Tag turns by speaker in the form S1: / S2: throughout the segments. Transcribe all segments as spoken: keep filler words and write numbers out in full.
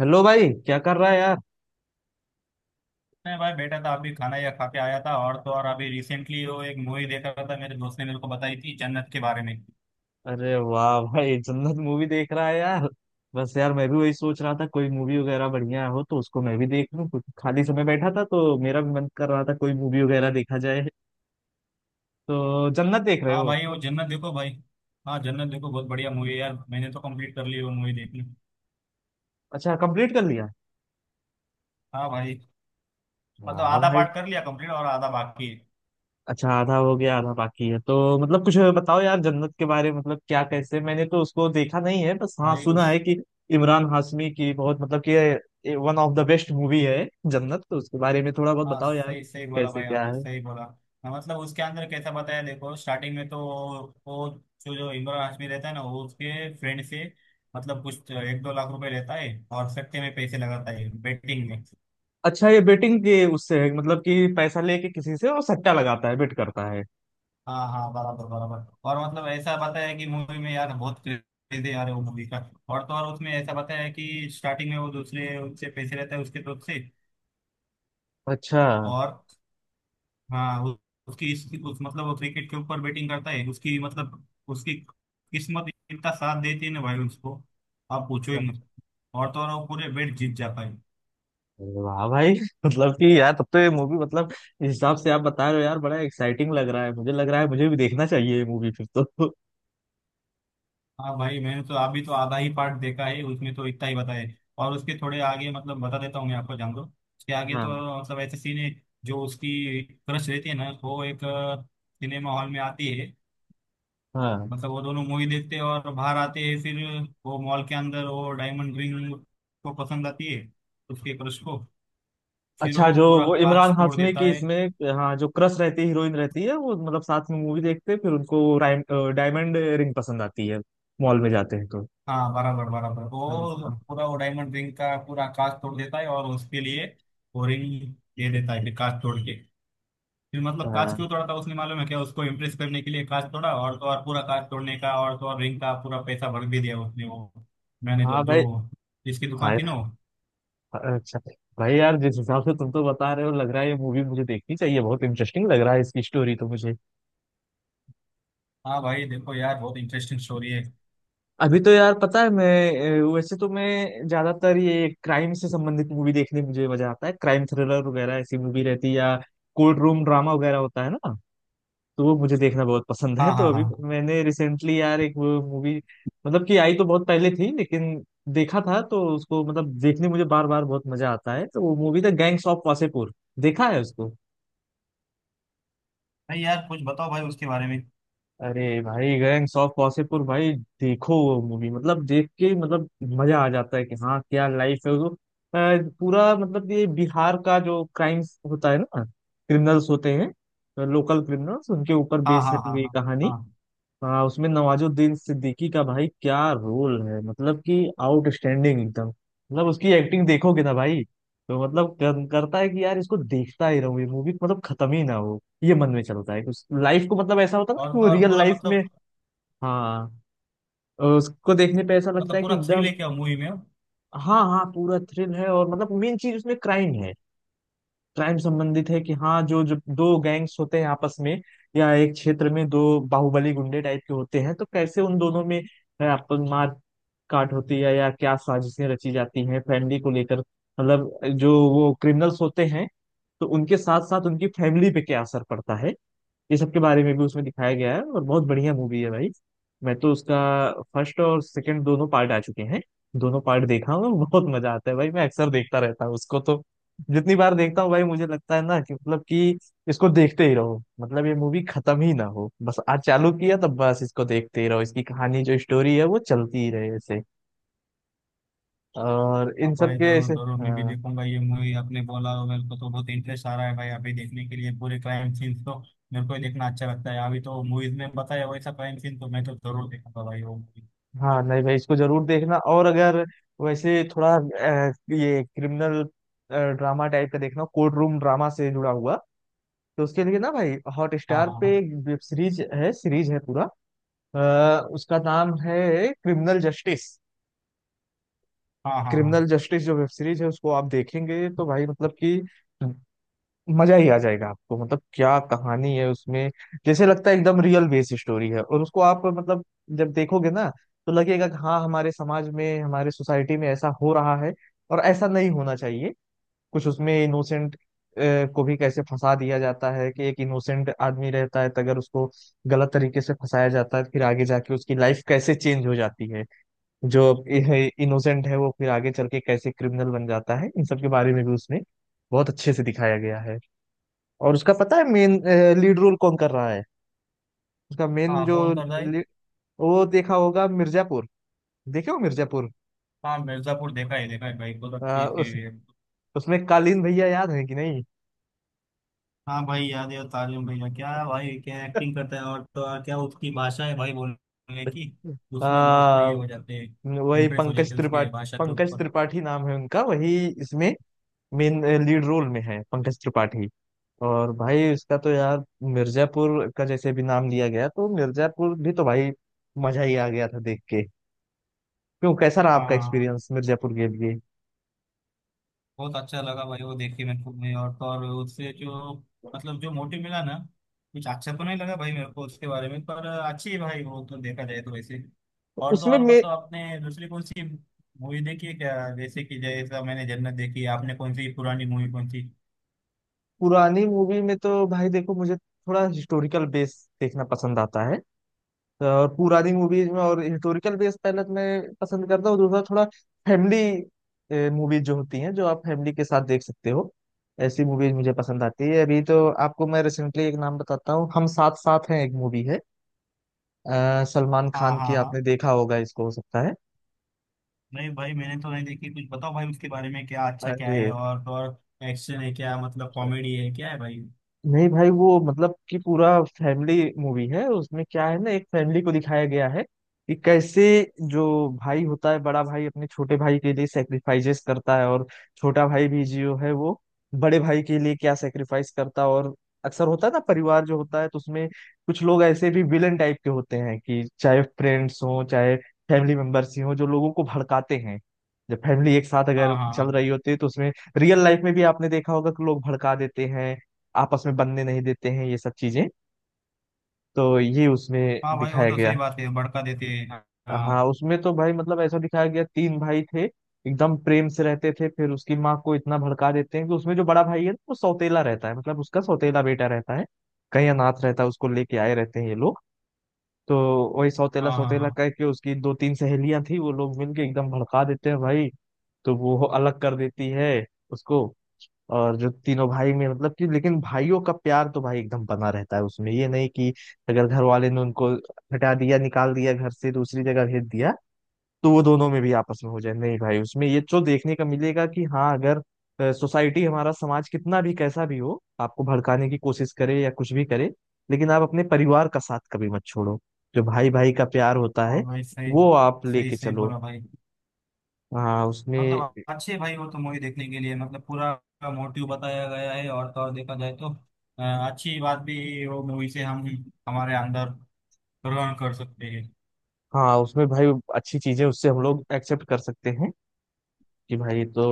S1: Hello भाई, क्या कर रहा है यार।
S2: नहीं भाई, बेटा था अभी। खाना या खा के आया था। और तो और अभी रिसेंटली वो एक मूवी देख रहा था, मेरे दोस्त ने मेरे को बताई थी जन्नत के बारे में।
S1: अरे वाह भाई, जन्नत मूवी देख रहा है यार। बस यार, मैं भी वही सोच रहा था कोई मूवी वगैरह बढ़िया हो तो उसको मैं भी देख लूं। कुछ खाली समय बैठा था तो मेरा भी मन कर रहा था कोई मूवी वगैरह देखा जाए। तो जन्नत देख रहे
S2: हाँ
S1: हो।
S2: भाई, वो जन्नत देखो भाई। हाँ, जन्नत देखो, बहुत बढ़िया मूवी है यार। मैंने तो कंप्लीट कर ली वो मूवी देखनी।
S1: अच्छा कंप्लीट कर लिया।
S2: हाँ भाई। मतलब
S1: वाह
S2: आधा
S1: भाई।
S2: पार्ट कर लिया कंप्लीट और आधा बाकी है।
S1: अच्छा, आधा हो गया आधा बाकी है। तो मतलब कुछ बताओ यार जन्नत के बारे में, मतलब क्या कैसे। मैंने तो उसको देखा नहीं है, बस हाँ
S2: भाई
S1: सुना
S2: उस।
S1: है कि इमरान हाशमी की बहुत मतलब कि one of the best movie है जन्नत। तो उसके बारे में थोड़ा बहुत
S2: हाँ
S1: बताओ यार।
S2: सही सही बोला
S1: कैसे
S2: भाई,
S1: क्या
S2: आपने
S1: है।
S2: सही बोला। हाँ, मतलब उसके अंदर कैसा बताया, देखो स्टार्टिंग में तो। वो, जो जो इमरान हाशमी रहता है ना, वो उसके फ्रेंड से मतलब कुछ एक दो लाख रुपए लेता है और सट्टे में पैसे लगाता है, बेटिंग में।
S1: अच्छा, ये बेटिंग के उससे है मतलब कि पैसा लेके किसी से और सट्टा लगाता है, बेट करता है।
S2: हाँ हाँ, बराबर बराबर। और मतलब ऐसा बताया है कि मूवी में यार बहुत क्रेज है यार वो मूवी का। और तो और उसमें ऐसा बताया है कि स्टार्टिंग में वो दूसरे उससे पैसे रहता है उसके तरफ से।
S1: अच्छा।
S2: और हाँ उ- उसकी इस उस मतलब वो क्रिकेट के ऊपर बैटिंग करता है, उसकी मतलब उसकी किस्मत इतना साथ देती है ना भाई उसको, आप पूछो ही मत। और तो और वो पूरे बैट जीत जाता है।
S1: अरे वाह भाई मतलब कि यार तब तो ये मूवी मतलब इस हिसाब से आप बता रहे हो यार बड़ा एक्साइटिंग लग रहा है। मुझे लग रहा है मुझे भी देखना चाहिए ये मूवी फिर तो।
S2: हाँ भाई, मैंने तो अभी तो आधा ही पार्ट देखा है, उसमें तो इतना ही बताया है। और उसके थोड़े आगे मतलब बता देता हूँ मैं आपको, जान दो उसके आगे
S1: हाँ,
S2: तो मतलब ऐसे सीन है, जो उसकी क्रश रहती है ना, तो वो एक सिनेमा हॉल में आती है।
S1: हाँ।
S2: मतलब वो दोनों मूवी देखते हैं और बाहर आते हैं। फिर वो मॉल के अंदर वो डायमंड रिंग को पसंद आती है, उसके क्रश को। फिर
S1: अच्छा,
S2: वो
S1: जो
S2: पूरा
S1: वो इमरान
S2: कांच तोड़
S1: हाशमी
S2: देता
S1: की
S2: है।
S1: इसमें हाँ जो क्रश रहती है, हीरोइन रहती है, वो मतलब साथ में मूवी देखते हैं, फिर उनको राइम- डायमंड रिंग पसंद आती है, मॉल में जाते हैं तो।
S2: हाँ बराबर बराबर,
S1: हाँ।
S2: वो पूरा वो डायमंड रिंग का पूरा कांच तोड़ देता है और उसके लिए वो रिंग दे देता है, फिर कांच तोड़ के। फिर मतलब कांच
S1: हाँ।
S2: क्यों तोड़ा था उसने मालूम है क्या? उसको इम्प्रेस करने के लिए कांच तोड़ा, और तो और पूरा कांच तोड़ने का, और तो और रिंग का पूरा पैसा भर भी दिया उसने वो। मैंने जो
S1: हाँ भाई।
S2: जो जिसकी दुकान
S1: भाई।
S2: थी ना वो।
S1: अच्छा। भाई यार जिस हिसाब से तुम तो बता रहे हो, लग रहा है ये मूवी मुझे देखनी चाहिए। बहुत इंटरेस्टिंग लग रहा है इसकी स्टोरी तो मुझे।
S2: हाँ भाई, देखो यार, बहुत इंटरेस्टिंग स्टोरी है।
S1: अभी तो यार पता है मैं, अ, वैसे तो मैं ज्यादातर ये क्राइम से संबंधित मूवी देखने में मुझे मजा आता है। क्राइम थ्रिलर वगैरह ऐसी मूवी रहती है या कोर्ट रूम ड्रामा वगैरह होता है ना, तो वो मुझे देखना बहुत पसंद
S2: हाँ
S1: है। तो
S2: हाँ
S1: अभी
S2: हाँ।
S1: मैंने रिसेंटली यार एक वो मूवी, मतलब कि आई तो बहुत पहले थी, लेकिन देखा था तो उसको मतलब देखने मुझे बार बार बहुत मजा आता है। तो वो मूवी था गैंग्स ऑफ वासेपुर। देखा है उसको।
S2: भाई यार कुछ बताओ भाई उसके बारे में।
S1: अरे भाई गैंग्स ऑफ वासेपुर भाई, देखो वो मूवी मतलब देख के मतलब मजा आ जाता है कि हाँ क्या लाइफ है वो। अ, पूरा मतलब ये बिहार का जो क्राइम्स होता है ना, क्रिमिनल्स होते हैं, लोकल क्रिमिनल्स, उनके ऊपर
S2: हाँ
S1: बेस्ड है
S2: हाँ हाँ
S1: पूरी
S2: हाँ।
S1: कहानी।
S2: हाँ,
S1: हाँ उसमें नवाजुद्दीन सिद्दीकी का भाई क्या रोल है, मतलब कि आउटस्टैंडिंग एकदम। मतलब उसकी एक्टिंग देखोगे ना भाई, तो मतलब कर, करता है कि यार इसको देखता ही रहूं, ये मूवी मतलब खत्म ही ना हो, ये मन में चलता है। उस लाइफ को मतलब ऐसा होता है ना
S2: और
S1: कि वो
S2: तो और
S1: रियल
S2: पूरा
S1: लाइफ में।
S2: मतलब।
S1: हाँ। और उसको देखने पे ऐसा लगता
S2: मतलब
S1: है कि
S2: पूरा थ्रिल
S1: एकदम।
S2: है क्या मूवी में?
S1: हाँ हाँ पूरा थ्रिल है, और मतलब मेन चीज उसमें क्राइम है। क्राइम संबंधित है कि हाँ जो जो दो गैंग्स होते हैं आपस में, या एक क्षेत्र में दो बाहुबली गुंडे टाइप के होते हैं, तो कैसे उन दोनों में है, आप मार काट होती है, या क्या साजिशें रची जाती हैं फैमिली को लेकर। मतलब जो वो क्रिमिनल्स होते हैं तो उनके साथ साथ उनकी फैमिली पे क्या असर पड़ता है, ये सब के बारे में भी उसमें दिखाया गया है। और बहुत बढ़िया मूवी है भाई। मैं तो उसका फर्स्ट और सेकंड दोनों पार्ट आ चुके हैं, दोनों पार्ट देखा हूँ। बहुत मजा आता है भाई, मैं अक्सर देखता रहता हूँ उसको तो। जितनी बार देखता हूँ भाई, मुझे लगता है ना कि मतलब कि इसको देखते ही रहो, मतलब ये मूवी खत्म ही ना हो, बस आज चालू किया तब बस इसको देखते ही रहो, इसकी कहानी जो स्टोरी है वो चलती ही रहे ऐसे। और
S2: हाँ
S1: इन सब
S2: भाई,
S1: के
S2: जरूर
S1: ऐसे
S2: जरूर मैं भी
S1: हाँ।
S2: देखूंगा ये मूवी आपने बोला, और मेरे को तो बहुत इंटरेस्ट आ रहा है भाई अभी देखने के लिए। पूरे क्राइम सीन्स तो मेरे को ही देखना अच्छा लगता है। अभी तो मूवीज में बताया वैसा क्राइम सीन तो मैं तो जरूर देखूंगा भाई वो मूवी।
S1: हाँ नहीं भाई, इसको जरूर देखना। और अगर वैसे थोड़ा अ, ये क्रिमिनल ड्रामा टाइप का देखना, कोर्ट रूम ड्रामा से जुड़ा हुआ, तो उसके लिए ना भाई हॉट
S2: हाँ
S1: स्टार पे
S2: हाँ
S1: एक वेब सीरीज है, सीरीज है पूरा। अ, उसका नाम है क्रिमिनल जस्टिस।
S2: हाँ। हाँ
S1: क्रिमिनल
S2: हाँ।
S1: जस्टिस जो वेब सीरीज है उसको आप देखेंगे तो भाई मतलब कि मजा ही आ जाएगा आपको। मतलब क्या कहानी है उसमें, जैसे लगता है एकदम रियल बेस स्टोरी है। और उसको आप मतलब जब देखोगे ना, तो लगेगा कि हाँ हमारे समाज में, हमारे सोसाइटी में ऐसा हो रहा है और ऐसा नहीं होना चाहिए। कुछ उसमें इनोसेंट को भी कैसे फंसा दिया जाता है कि एक इनोसेंट आदमी रहता है, तो अगर उसको गलत तरीके से फंसाया जाता है, फिर आगे जाके उसकी लाइफ कैसे चेंज हो जाती है, जो इनोसेंट है वो फिर आगे चल के कैसे क्रिमिनल बन जाता है, इन सब के बारे में भी उसमें बहुत अच्छे से दिखाया गया है। और उसका पता है मेन लीड रोल कौन कर रहा है। उसका
S2: हाँ
S1: मेन
S2: हाँ
S1: जो
S2: कौन कर रहा है?
S1: lead- वो देखा होगा मिर्जापुर, देखे हो मिर्जापुर।
S2: हाँ, मिर्जापुर देखा है, देखा है भाई, बहुत
S1: आ,
S2: अच्छी थी।
S1: उस उसमें कालीन भैया याद है कि नहीं।
S2: हाँ भाई, याद है। तारिम भैया क्या भाई, क्या एक्टिंग करता है! और तो और क्या उसकी भाषा है भाई बोलने की,
S1: आ,
S2: उसमें लोग तो ये हो जाते हैं,
S1: वही
S2: इम्प्रेस हो
S1: पंकज
S2: जाते हैं उसकी
S1: त्रिपाठी,
S2: भाषा के
S1: पंकज
S2: ऊपर।
S1: त्रिपाठी नाम है उनका। वही इसमें मेन लीड रोल में है पंकज त्रिपाठी। और भाई उसका तो यार मिर्जापुर का जैसे भी नाम लिया गया, तो मिर्जापुर भी तो भाई मजा ही आ गया था देख के। क्यों, कैसा रहा
S2: हाँ
S1: आपका
S2: हाँ हाँ।
S1: एक्सपीरियंस मिर्जापुर के लिए।
S2: बहुत अच्छा लगा भाई वो देख के मेरे को भी। और तो और उससे जो मतलब जो मोटिव मिला ना, कुछ अच्छा तो नहीं लगा भाई मेरे को उसके बारे में, पर अच्छी है भाई वो तो, देखा जाए तो वैसे। और तो
S1: उसमें
S2: और
S1: मे,
S2: मतलब आपने दूसरी कौन सी मूवी देखी है क्या? जैसे कि जैसा मैंने जन्नत देखी है, आपने कौन सी पुरानी मूवी, कौन सी?
S1: पुरानी मूवी में तो भाई देखो मुझे थोड़ा हिस्टोरिकल बेस देखना पसंद आता है। तो और पुरानी मूवीज में और हिस्टोरिकल बेस पहले तो मैं पसंद करता हूँ, दूसरा थोड़ा फैमिली मूवीज जो होती हैं, जो आप फैमिली के साथ देख सकते हो, ऐसी मूवीज मुझे पसंद आती है। अभी तो आपको मैं रिसेंटली एक नाम बताता हूँ, हम साथ साथ हैं एक मूवी है, अ, सलमान
S2: हाँ
S1: खान की।
S2: हाँ हाँ।
S1: आपने देखा होगा इसको, हो सकता है।
S2: नहीं भाई, मैंने तो नहीं देखी। कुछ बताओ भाई उसके बारे में, क्या अच्छा क्या
S1: अरे
S2: है? और तो और एक्शन है क्या, मतलब कॉमेडी है, क्या है भाई?
S1: नहीं भाई, वो मतलब कि पूरा फैमिली मूवी है। उसमें क्या है ना एक फैमिली को दिखाया गया है कि कैसे जो भाई होता है बड़ा भाई, अपने छोटे भाई के लिए सेक्रीफाइसेस करता है, और छोटा भाई भी जो है वो बड़े भाई के लिए क्या सेक्रीफाइस करता है। और अक्सर होता है ना, परिवार जो होता है तो उसमें कुछ लोग ऐसे भी विलन टाइप के होते हैं, कि चाहे फ्रेंड्स हों चाहे फैमिली मेंबर्स ही हों, जो लोगों को भड़काते हैं जब फैमिली एक साथ
S2: हाँ
S1: अगर
S2: हाँ
S1: चल
S2: हाँ।
S1: रही होती है तो उसमें। रियल लाइफ में भी आपने देखा होगा कि लोग भड़का देते हैं, आपस में बनने नहीं देते हैं, ये सब चीजें तो ये उसमें
S2: हाँ भाई, वो
S1: दिखाया
S2: तो
S1: गया
S2: सही
S1: है।
S2: बात है, भड़का देते हैं, हाँ।
S1: हाँ
S2: हाँ
S1: उसमें तो भाई मतलब ऐसा दिखाया गया तीन भाई थे एकदम प्रेम से रहते थे, फिर उसकी माँ को इतना भड़का देते हैं कि उसमें जो बड़ा भाई है वो सौतेला रहता है, मतलब उसका सौतेला बेटा रहता है, कहीं अनाथ रहता है उसको लेके आए रहते हैं ये लोग। तो वही सौतेला
S2: हाँ।
S1: सौतेला
S2: हाँ
S1: कह के, उसकी दो तीन सहेलियां थी वो लोग मिलके एकदम भड़का देते हैं भाई, तो वो अलग कर देती है उसको। और जो तीनों भाई में मतलब कि लेकिन भाइयों का प्यार तो भाई एकदम बना रहता है। उसमें ये नहीं कि अगर घर वाले ने उनको हटा दिया, निकाल दिया घर से, दूसरी जगह भेज दिया, तो वो दोनों में भी आपस में हो जाए, नहीं भाई। उसमें ये जो देखने का मिलेगा कि हाँ अगर सोसाइटी, हमारा समाज कितना भी कैसा भी हो, आपको भड़काने की कोशिश करे या कुछ भी करे, लेकिन आप अपने परिवार का साथ कभी मत छोड़ो, जो भाई भाई का प्यार होता
S2: हाँ
S1: है
S2: भाई सही।
S1: वो आप
S2: सही
S1: लेके
S2: सही
S1: चलो।
S2: बोला भाई।
S1: हाँ उसमें।
S2: मतलब अच्छे भाई, वो तो मूवी देखने के लिए मतलब पूरा मोटिव बताया गया है। और तो और देखा जाए तो अ, अच्छी बात भी वो मूवी से हम हमारे अंदर ग्रहण कर सकते हैं।
S1: हाँ उसमें भाई अच्छी चीजें उससे हम लोग एक्सेप्ट कर सकते हैं कि भाई तो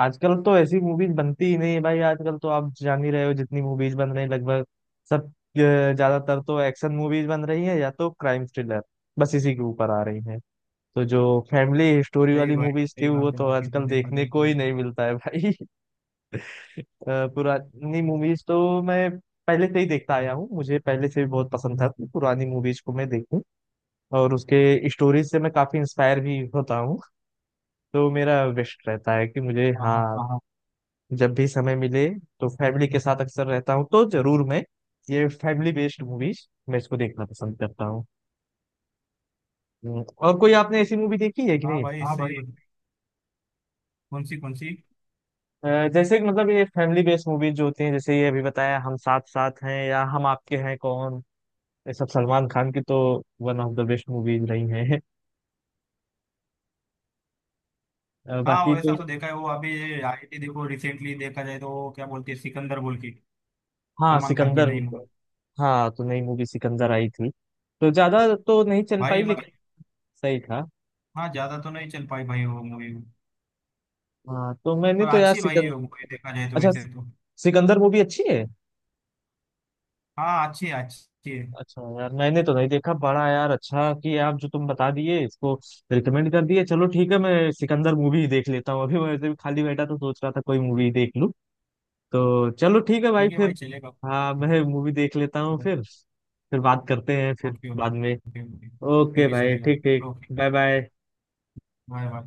S1: आजकल तो ऐसी मूवीज बनती ही नहीं है भाई। आजकल तो आप जान ही रहे हो, जितनी मूवीज बन रही हैं लगभग सब अ, ज्यादातर तो एक्शन मूवीज बन रही है या तो क्राइम थ्रिलर, बस इसी के ऊपर आ रही है। तो जो फैमिली स्टोरी
S2: सही
S1: वाली
S2: भाई,
S1: मूवीज थी,
S2: सही
S1: वो
S2: बात है
S1: तो
S2: आपकी तो,
S1: आजकल
S2: देखा जाए
S1: देखने को
S2: तो
S1: ही
S2: इसमें।
S1: नहीं मिलता है भाई अ, पुरानी मूवीज तो मैं पहले से ही देखता आया हूँ, मुझे पहले से भी बहुत पसंद था कि पुरानी मूवीज को मैं देखूं। और उसके स्टोरीज से मैं काफी इंस्पायर भी होता हूँ। तो मेरा विश रहता है कि मुझे
S2: हाँ हाँ।
S1: हाँ जब भी समय मिले तो फैमिली के साथ अक्सर रहता हूँ तो जरूर मैं ये फैमिली बेस्ड मूवीज मैं इसको देखना पसंद करता हूँ। हम्म, और कोई आपने ऐसी मूवी देखी है कि
S2: हाँ
S1: नहीं,
S2: भाई
S1: हाँ
S2: सही।
S1: भाई।
S2: कौन सी कौन सी?
S1: अ, जैसे कि मतलब ये फैमिली बेस्ड मूवीज जो होती हैं, जैसे ये अभी बताया हम साथ साथ हैं, या हम आपके हैं कौन, ये सब सलमान खान की तो one of the best movies रही हैं। अ,
S2: हाँ
S1: बाकी
S2: वैसा
S1: तो
S2: तो देखा है वो अभी आई थी, देखो रिसेंटली देखा जाए तो, वो क्या बोलते हैं, सिकंदर बोल के,
S1: हाँ
S2: सलमान खान की
S1: सिकंदर।
S2: नई मूवी।
S1: हाँ तो नई मूवी सिकंदर आई थी, तो ज्यादा तो नहीं चल
S2: भाई
S1: पाई
S2: मतलब।
S1: लेकिन सही था।
S2: हाँ, ज्यादा तो नहीं चल पाई भाई वो मूवी,
S1: हाँ तो मैंने
S2: पर
S1: तो यार
S2: अच्छी भाई है वो मूवी,
S1: सिकंदर,
S2: देखा जाए तो
S1: अच्छा
S2: वैसे तो।
S1: सिकंदर मूवी अच्छी है।
S2: हाँ अच्छी है, अच्छी है।
S1: अच्छा यार, मैंने तो नहीं देखा। बड़ा यार अच्छा कि आप जो तुम बता दिए इसको रिकमेंड कर दिए। चलो ठीक है, मैं सिकंदर मूवी ही देख लेता हूँ, अभी मैं ऐसे भी खाली बैठा तो सोच रहा था कोई मूवी देख लूँ। तो चलो ठीक है भाई
S2: ठीक है
S1: फिर।
S2: भाई, चलेगा।
S1: हाँ मैं मूवी देख लेता हूँ
S2: ओके।
S1: फिर फिर बात करते हैं फिर
S2: ओके।
S1: बाद में।
S2: ओके,
S1: ओके
S2: ठीक है,
S1: भाई,
S2: चलेगा।
S1: ठीक ठीक।
S2: Okay.
S1: Bye bye.
S2: Bye bye.